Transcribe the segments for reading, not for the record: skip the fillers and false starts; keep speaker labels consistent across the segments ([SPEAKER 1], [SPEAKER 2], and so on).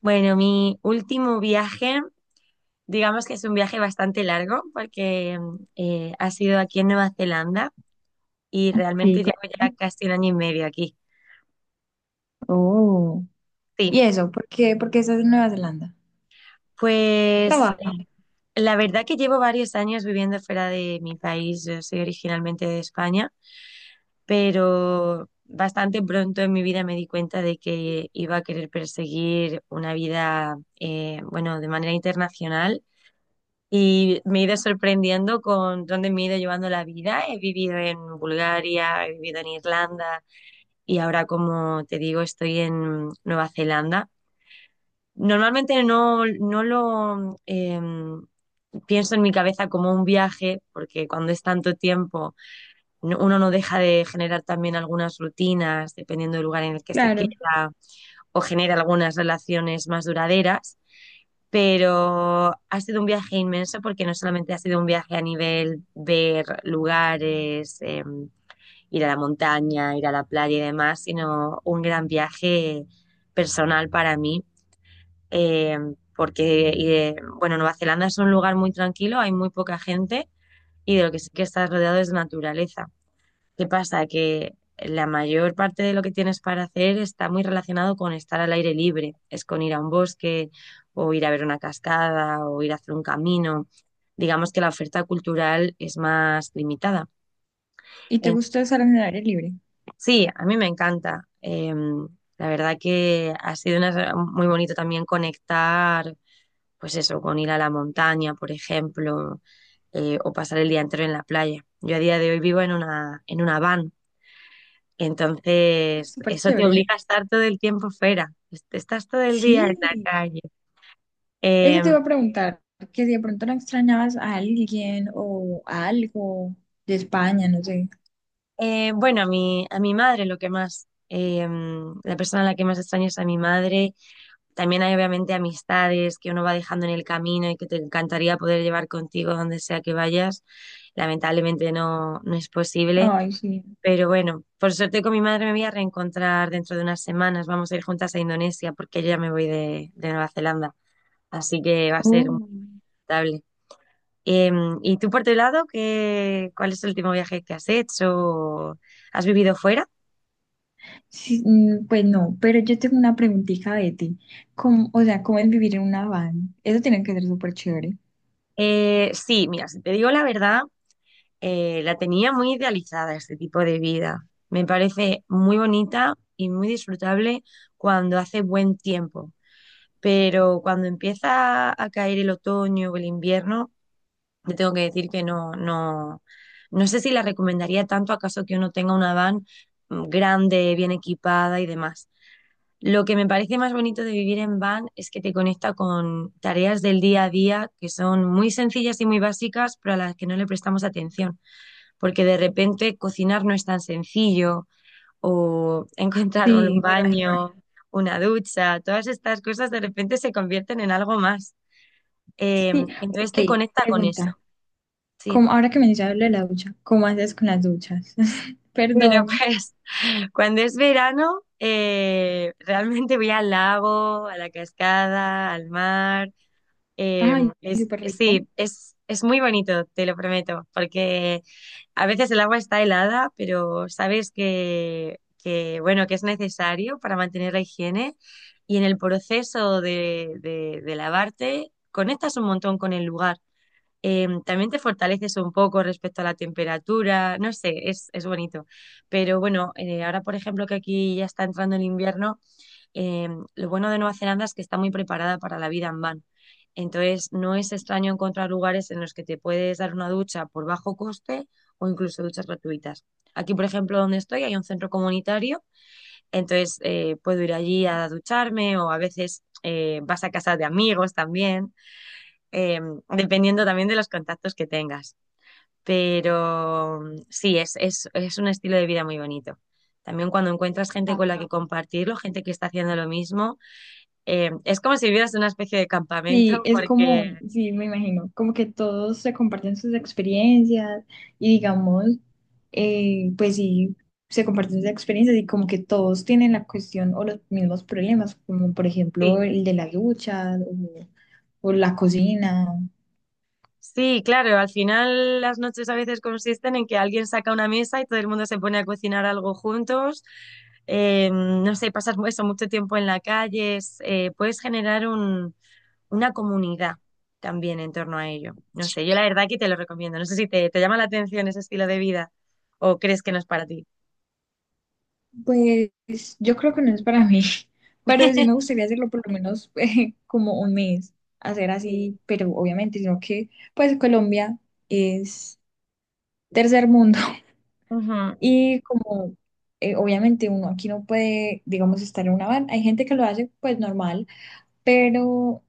[SPEAKER 1] Bueno, mi último viaje, digamos que es un viaje bastante largo porque ha sido aquí en Nueva Zelanda y realmente
[SPEAKER 2] Sí,
[SPEAKER 1] llevo ya
[SPEAKER 2] cuéntame.
[SPEAKER 1] casi un año y medio aquí.
[SPEAKER 2] Oh.
[SPEAKER 1] Sí,
[SPEAKER 2] ¿Y eso? ¿Por qué? ¿Por qué estás en Nueva Zelanda?
[SPEAKER 1] pues
[SPEAKER 2] Trabajo.
[SPEAKER 1] la verdad que llevo varios años viviendo fuera de mi país. Yo soy originalmente de España, pero bastante pronto en mi vida me di cuenta de que iba a querer perseguir una vida, bueno, de manera internacional. Y me he ido sorprendiendo con dónde me he ido llevando la vida. He vivido en Bulgaria, he vivido en Irlanda y ahora, como te digo, estoy en Nueva Zelanda. Normalmente no lo pienso en mi cabeza como un viaje, porque cuando es tanto tiempo, uno no deja de generar también algunas rutinas, dependiendo del lugar en el que se
[SPEAKER 2] Claro.
[SPEAKER 1] queda, o genera algunas relaciones más duraderas, pero ha sido un viaje inmenso, porque no solamente ha sido un viaje a nivel ver lugares, ir a la montaña, ir a la playa y demás, sino un gran viaje personal para mí, eh, porque bueno, Nueva Zelanda es un lugar muy tranquilo, hay muy poca gente y de lo que sí que estás rodeado es de naturaleza. ¿Qué pasa? Que la mayor parte de lo que tienes para hacer está muy relacionado con estar al aire libre. Es con ir a un bosque o ir a ver una cascada o ir a hacer un camino. Digamos que la oferta cultural es más limitada.
[SPEAKER 2] ¿Y te
[SPEAKER 1] En-
[SPEAKER 2] gusta estar en el aire libre?
[SPEAKER 1] sí, a mí me encanta. La verdad que ha sido una- muy bonito también conectar, pues eso, con ir a la montaña, por ejemplo, o pasar el día entero en la playa. Yo a día de hoy vivo en una van.
[SPEAKER 2] Ah,
[SPEAKER 1] Entonces,
[SPEAKER 2] súper
[SPEAKER 1] eso te
[SPEAKER 2] chévere.
[SPEAKER 1] obliga a estar todo el tiempo fuera. Estás todo el día en la
[SPEAKER 2] Sí.
[SPEAKER 1] calle.
[SPEAKER 2] Eso te
[SPEAKER 1] Eh,
[SPEAKER 2] iba a preguntar, que si de pronto no extrañabas a alguien o a algo de España, no sé.
[SPEAKER 1] bueno, a mi madre lo que más, la persona a la que más extraño es a mi madre. También hay obviamente amistades que uno va dejando en el camino y que te encantaría poder llevar contigo donde sea que vayas. Lamentablemente no, no es posible.
[SPEAKER 2] Ay, sí.
[SPEAKER 1] Pero bueno, por suerte con mi madre me voy a reencontrar dentro de unas semanas. Vamos a ir juntas a Indonesia, porque yo ya me voy de Nueva Zelanda. Así que va a ser
[SPEAKER 2] Oh.
[SPEAKER 1] estable. ¿Y tú por tu lado, cuál es el último viaje que has hecho? ¿Has vivido fuera?
[SPEAKER 2] Sí, mm, pues no, pero yo tengo una preguntita de ti. ¿Cómo- o sea, ¿cómo es vivir en una van? Eso tiene que ser súper chévere.
[SPEAKER 1] Sí, mira, si te digo la verdad, la tenía muy idealizada este tipo de vida. Me parece muy bonita y muy disfrutable cuando hace buen tiempo, pero cuando empieza a caer el otoño o el invierno, te tengo que decir que no sé si la recomendaría, tanto acaso que uno tenga una van grande, bien equipada y demás. Lo que me parece más bonito de vivir en van es que te conecta con tareas del día a día que son muy sencillas y muy básicas, pero a las que no le prestamos atención, porque de repente cocinar no es tan sencillo, o encontrar
[SPEAKER 2] Sí,
[SPEAKER 1] un
[SPEAKER 2] me imagino.
[SPEAKER 1] baño, una ducha, todas estas cosas de repente se convierten en algo más. Eh,
[SPEAKER 2] Sí,
[SPEAKER 1] entonces
[SPEAKER 2] ok,
[SPEAKER 1] te conecta con eso,
[SPEAKER 2] pregunta.
[SPEAKER 1] sí.
[SPEAKER 2] Como, ahora que mencionas lo de la ducha, ¿cómo haces con las duchas?
[SPEAKER 1] Bueno,
[SPEAKER 2] Perdón.
[SPEAKER 1] pues cuando es verano, realmente voy al lago, a la cascada, al mar. Eh,
[SPEAKER 2] Ay, súper rico.
[SPEAKER 1] sí, es muy bonito, te lo prometo, porque a veces el agua está helada, pero sabes que, bueno, que es necesario para mantener la higiene, y en el proceso de, de lavarte conectas un montón con el lugar. También te fortaleces un poco respecto a la temperatura, no sé, es bonito. Pero bueno, ahora por ejemplo que aquí ya está entrando el invierno. Eh, lo bueno de Nueva Zelanda es que está muy preparada para la vida en van. Entonces, no es extraño encontrar lugares en los que te puedes dar una ducha por bajo coste o incluso duchas gratuitas. Aquí, por ejemplo, donde estoy, hay un centro comunitario, entonces puedo ir allí a ducharme, o a veces vas a casa de amigos también, eh, dependiendo también de los contactos que tengas. Pero sí, es un estilo de vida muy bonito. También cuando encuentras gente
[SPEAKER 2] Ah,
[SPEAKER 1] con la que compartirlo, gente que está haciendo lo mismo, es como si vivieras en una especie de
[SPEAKER 2] sí,
[SPEAKER 1] campamento,
[SPEAKER 2] es como,
[SPEAKER 1] porque
[SPEAKER 2] sí, me imagino, como que todos se comparten sus experiencias y digamos, pues sí, se comparten sus experiencias y como que todos tienen la cuestión o los mismos problemas, como por
[SPEAKER 1] sí,
[SPEAKER 2] ejemplo el de la ducha o la cocina.
[SPEAKER 1] sí, claro, al final las noches a veces consisten en que alguien saca una mesa y todo el mundo se pone a cocinar algo juntos. No sé, pasas eso mucho tiempo en la calle, puedes generar un- una comunidad también en torno a ello. No sé, yo la verdad que te lo recomiendo. No sé si te llama la atención ese estilo de vida o crees que no es para ti.
[SPEAKER 2] Pues yo creo que no es para mí, pero sí me gustaría hacerlo por lo menos como un mes, hacer
[SPEAKER 1] Sí.
[SPEAKER 2] así, pero obviamente, sino que pues Colombia es tercer mundo
[SPEAKER 1] Ujú,
[SPEAKER 2] y como obviamente uno aquí no puede, digamos, estar en una van, hay gente que lo hace pues normal, pero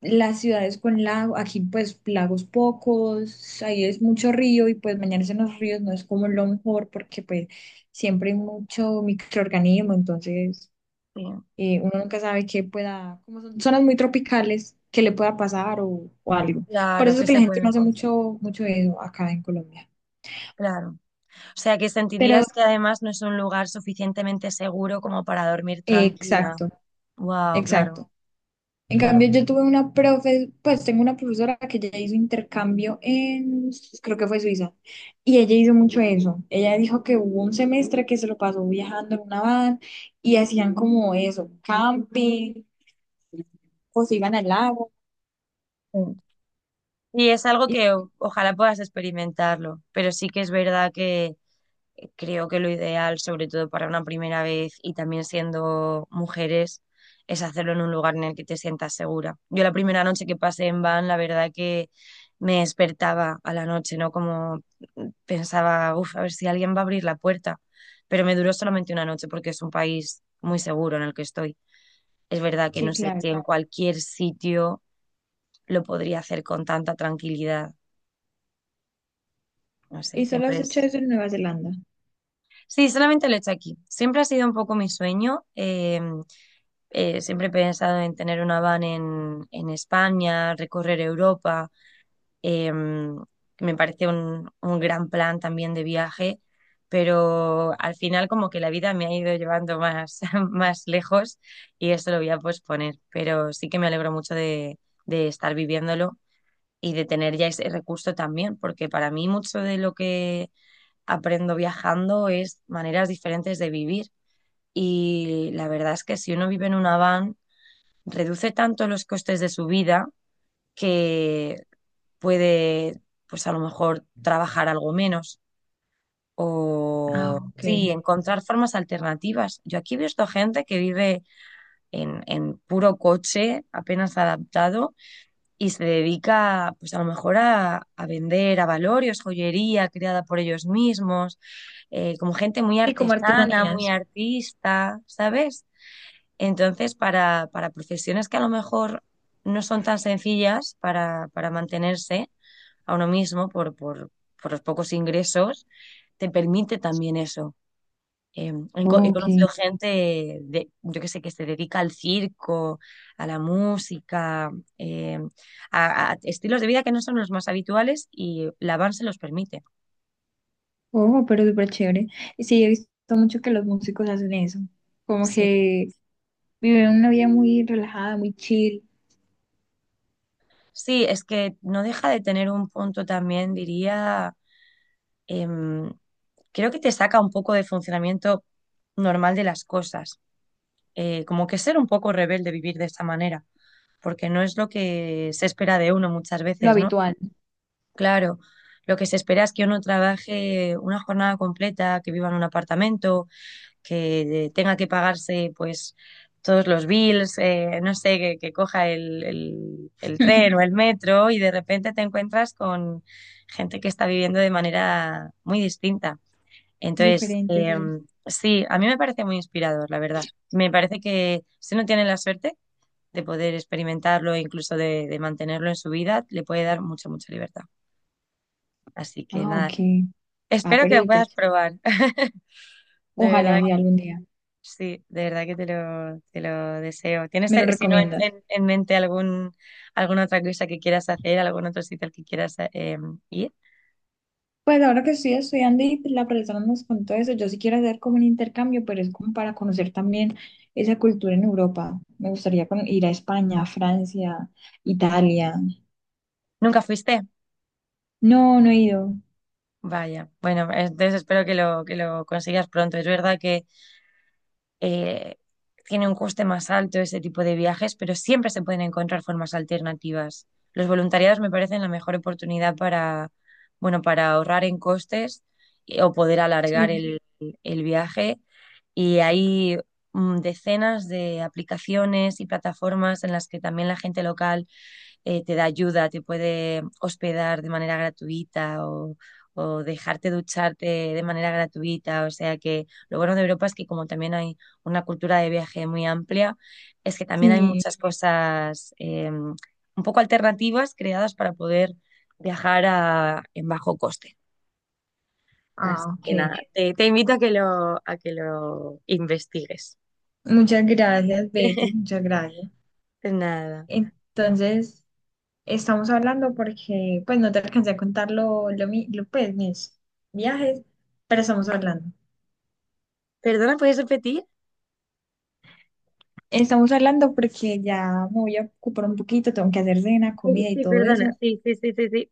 [SPEAKER 2] las ciudades con lago, aquí pues lagos pocos, ahí es mucho río y pues bañarse en los ríos no es como lo mejor porque pues siempre hay mucho microorganismo, entonces
[SPEAKER 1] sí.
[SPEAKER 2] uno nunca sabe qué pueda, como son zonas muy tropicales, qué le pueda pasar o algo. Por
[SPEAKER 1] Claro
[SPEAKER 2] eso es
[SPEAKER 1] que
[SPEAKER 2] que la
[SPEAKER 1] se
[SPEAKER 2] gente
[SPEAKER 1] puede
[SPEAKER 2] no hace
[SPEAKER 1] encontrar,
[SPEAKER 2] mucho eso acá en Colombia.
[SPEAKER 1] claro. O sea, que
[SPEAKER 2] Pero,
[SPEAKER 1] sentirías que además no es un lugar suficientemente seguro como para dormir tranquila.
[SPEAKER 2] exacto,
[SPEAKER 1] Wow, claro,
[SPEAKER 2] exacto. En
[SPEAKER 1] claro.
[SPEAKER 2] cambio, yo tuve una profe, pues tengo una profesora que ella hizo intercambio en, creo que fue Suiza, y ella hizo mucho eso. Ella dijo que hubo un semestre que se lo pasó viajando en una van y hacían como eso, camping, o se iban al lago.
[SPEAKER 1] Mm. Y es algo
[SPEAKER 2] Y,
[SPEAKER 1] que ojalá puedas experimentarlo, pero sí que es verdad que, creo que lo ideal, sobre todo para una primera vez y también siendo mujeres, es hacerlo en un lugar en el que te sientas segura. Yo la primera noche que pasé en van, la verdad que me despertaba a la noche, ¿no? Como pensaba, uff, a ver si alguien va a abrir la puerta. Pero me duró solamente una noche, porque es un país muy seguro en el que estoy. Es verdad que
[SPEAKER 2] sí,
[SPEAKER 1] no sé
[SPEAKER 2] claro.
[SPEAKER 1] si en cualquier sitio lo podría hacer con tanta tranquilidad. No sé,
[SPEAKER 2] Y solo
[SPEAKER 1] siempre
[SPEAKER 2] has hecho
[SPEAKER 1] es...
[SPEAKER 2] eso en Nueva Zelanda.
[SPEAKER 1] Sí, solamente lo he hecho aquí. Siempre ha sido un poco mi sueño. Siempre he pensado en tener una van en España, recorrer Europa, em, que me parece un gran plan también de viaje, pero al final como que la vida me ha ido llevando más, más lejos, y eso lo voy a posponer, pero sí que me alegro mucho de estar viviéndolo y de tener ya ese recurso también, porque para mí mucho de lo que aprendo viajando es maneras diferentes de vivir. Y la verdad es que si uno vive en una van, reduce tanto los costes de su vida que puede, pues a lo mejor, trabajar algo menos o,
[SPEAKER 2] Ah, ok.
[SPEAKER 1] sí, encontrar formas alternativas. Yo aquí he visto gente que vive en puro coche, apenas adaptado, y se dedica, pues a lo mejor, a vender avalorios, joyería creada por ellos mismos, como gente muy
[SPEAKER 2] Sí, como
[SPEAKER 1] artesana, muy
[SPEAKER 2] artesanías.
[SPEAKER 1] artista, ¿sabes? Entonces, para profesiones que a lo mejor no son tan sencillas para mantenerse a uno mismo por, por los pocos ingresos, te permite también eso. He
[SPEAKER 2] Ok,
[SPEAKER 1] conocido gente de, yo que sé, que se dedica al circo, a la música, eh, a estilos de vida que no son los más habituales, y la van se los permite.
[SPEAKER 2] oh, pero súper chévere. Y sí, he visto mucho que los músicos hacen eso, como
[SPEAKER 1] Sí.
[SPEAKER 2] que viven una vida muy relajada, muy chill,
[SPEAKER 1] Sí, es que no deja de tener un punto también, diría, em, creo que te saca un poco de funcionamiento normal de las cosas. Como que ser un poco rebelde vivir de esta manera, porque no es lo que se espera de uno muchas
[SPEAKER 2] lo
[SPEAKER 1] veces, ¿no?
[SPEAKER 2] habitual,
[SPEAKER 1] Claro, lo que se espera es que uno trabaje una jornada completa, que viva en un apartamento, que tenga que pagarse pues todos los bills, no sé, que coja el, el tren o el metro, y de repente te encuentras con gente que está viviendo de manera muy distinta. Entonces,
[SPEAKER 2] diferente, sí.
[SPEAKER 1] sí, a mí me parece muy inspirador, la verdad. Me parece que si uno tiene la suerte de poder experimentarlo e incluso de mantenerlo en su vida, le puede dar mucha, mucha libertad. Así que
[SPEAKER 2] Ah,
[SPEAKER 1] nada,
[SPEAKER 2] ok, ah,
[SPEAKER 1] espero
[SPEAKER 2] pero
[SPEAKER 1] que lo
[SPEAKER 2] súper
[SPEAKER 1] puedas
[SPEAKER 2] chévere.
[SPEAKER 1] probar. De verdad
[SPEAKER 2] Ojalá de
[SPEAKER 1] que
[SPEAKER 2] algún día,
[SPEAKER 1] sí, de verdad que te lo deseo. ¿Tienes,
[SPEAKER 2] me lo
[SPEAKER 1] si no, en,
[SPEAKER 2] recomiendas.
[SPEAKER 1] en mente alguna otra cosa que quieras hacer, algún otro sitio al que quieras ir?
[SPEAKER 2] Pues ahora que estoy estudiando y la profesora nos contó eso, yo sí quiero hacer como un intercambio, pero es como para conocer también esa cultura en Europa. Me gustaría ir a España, Francia, Italia.
[SPEAKER 1] ¿Nunca fuiste?
[SPEAKER 2] No, no he ido.
[SPEAKER 1] Vaya, bueno, entonces espero que lo consigas pronto. Es verdad que eh, tiene un coste más alto ese tipo de viajes, pero siempre se pueden encontrar formas alternativas. Los voluntariados me parecen la mejor oportunidad para, bueno, para ahorrar en costes, o poder alargar
[SPEAKER 2] Sí.
[SPEAKER 1] el viaje. Y hay decenas de aplicaciones y plataformas en las que también la gente local te da ayuda, te puede hospedar de manera gratuita o dejarte ducharte de manera gratuita. O sea que lo bueno de Europa es que como también hay una cultura de viaje muy amplia, es que también hay
[SPEAKER 2] Sí.
[SPEAKER 1] muchas cosas un poco alternativas creadas para poder viajar en bajo coste. Así
[SPEAKER 2] Ah, ok.
[SPEAKER 1] que nada, te invito a que lo investigues.
[SPEAKER 2] Muchas gracias, Betty, muchas gracias.
[SPEAKER 1] Nada.
[SPEAKER 2] Entonces, estamos hablando porque, pues, no te alcancé a contar pues, mis viajes, pero estamos hablando.
[SPEAKER 1] ¿Perdona, puedes repetir?
[SPEAKER 2] Estamos hablando porque ya me voy a ocupar un poquito, tengo que hacer cena,
[SPEAKER 1] Ay,
[SPEAKER 2] comida y
[SPEAKER 1] sí,
[SPEAKER 2] todo
[SPEAKER 1] perdona.
[SPEAKER 2] eso.
[SPEAKER 1] Sí, sí, sí, sí, sí.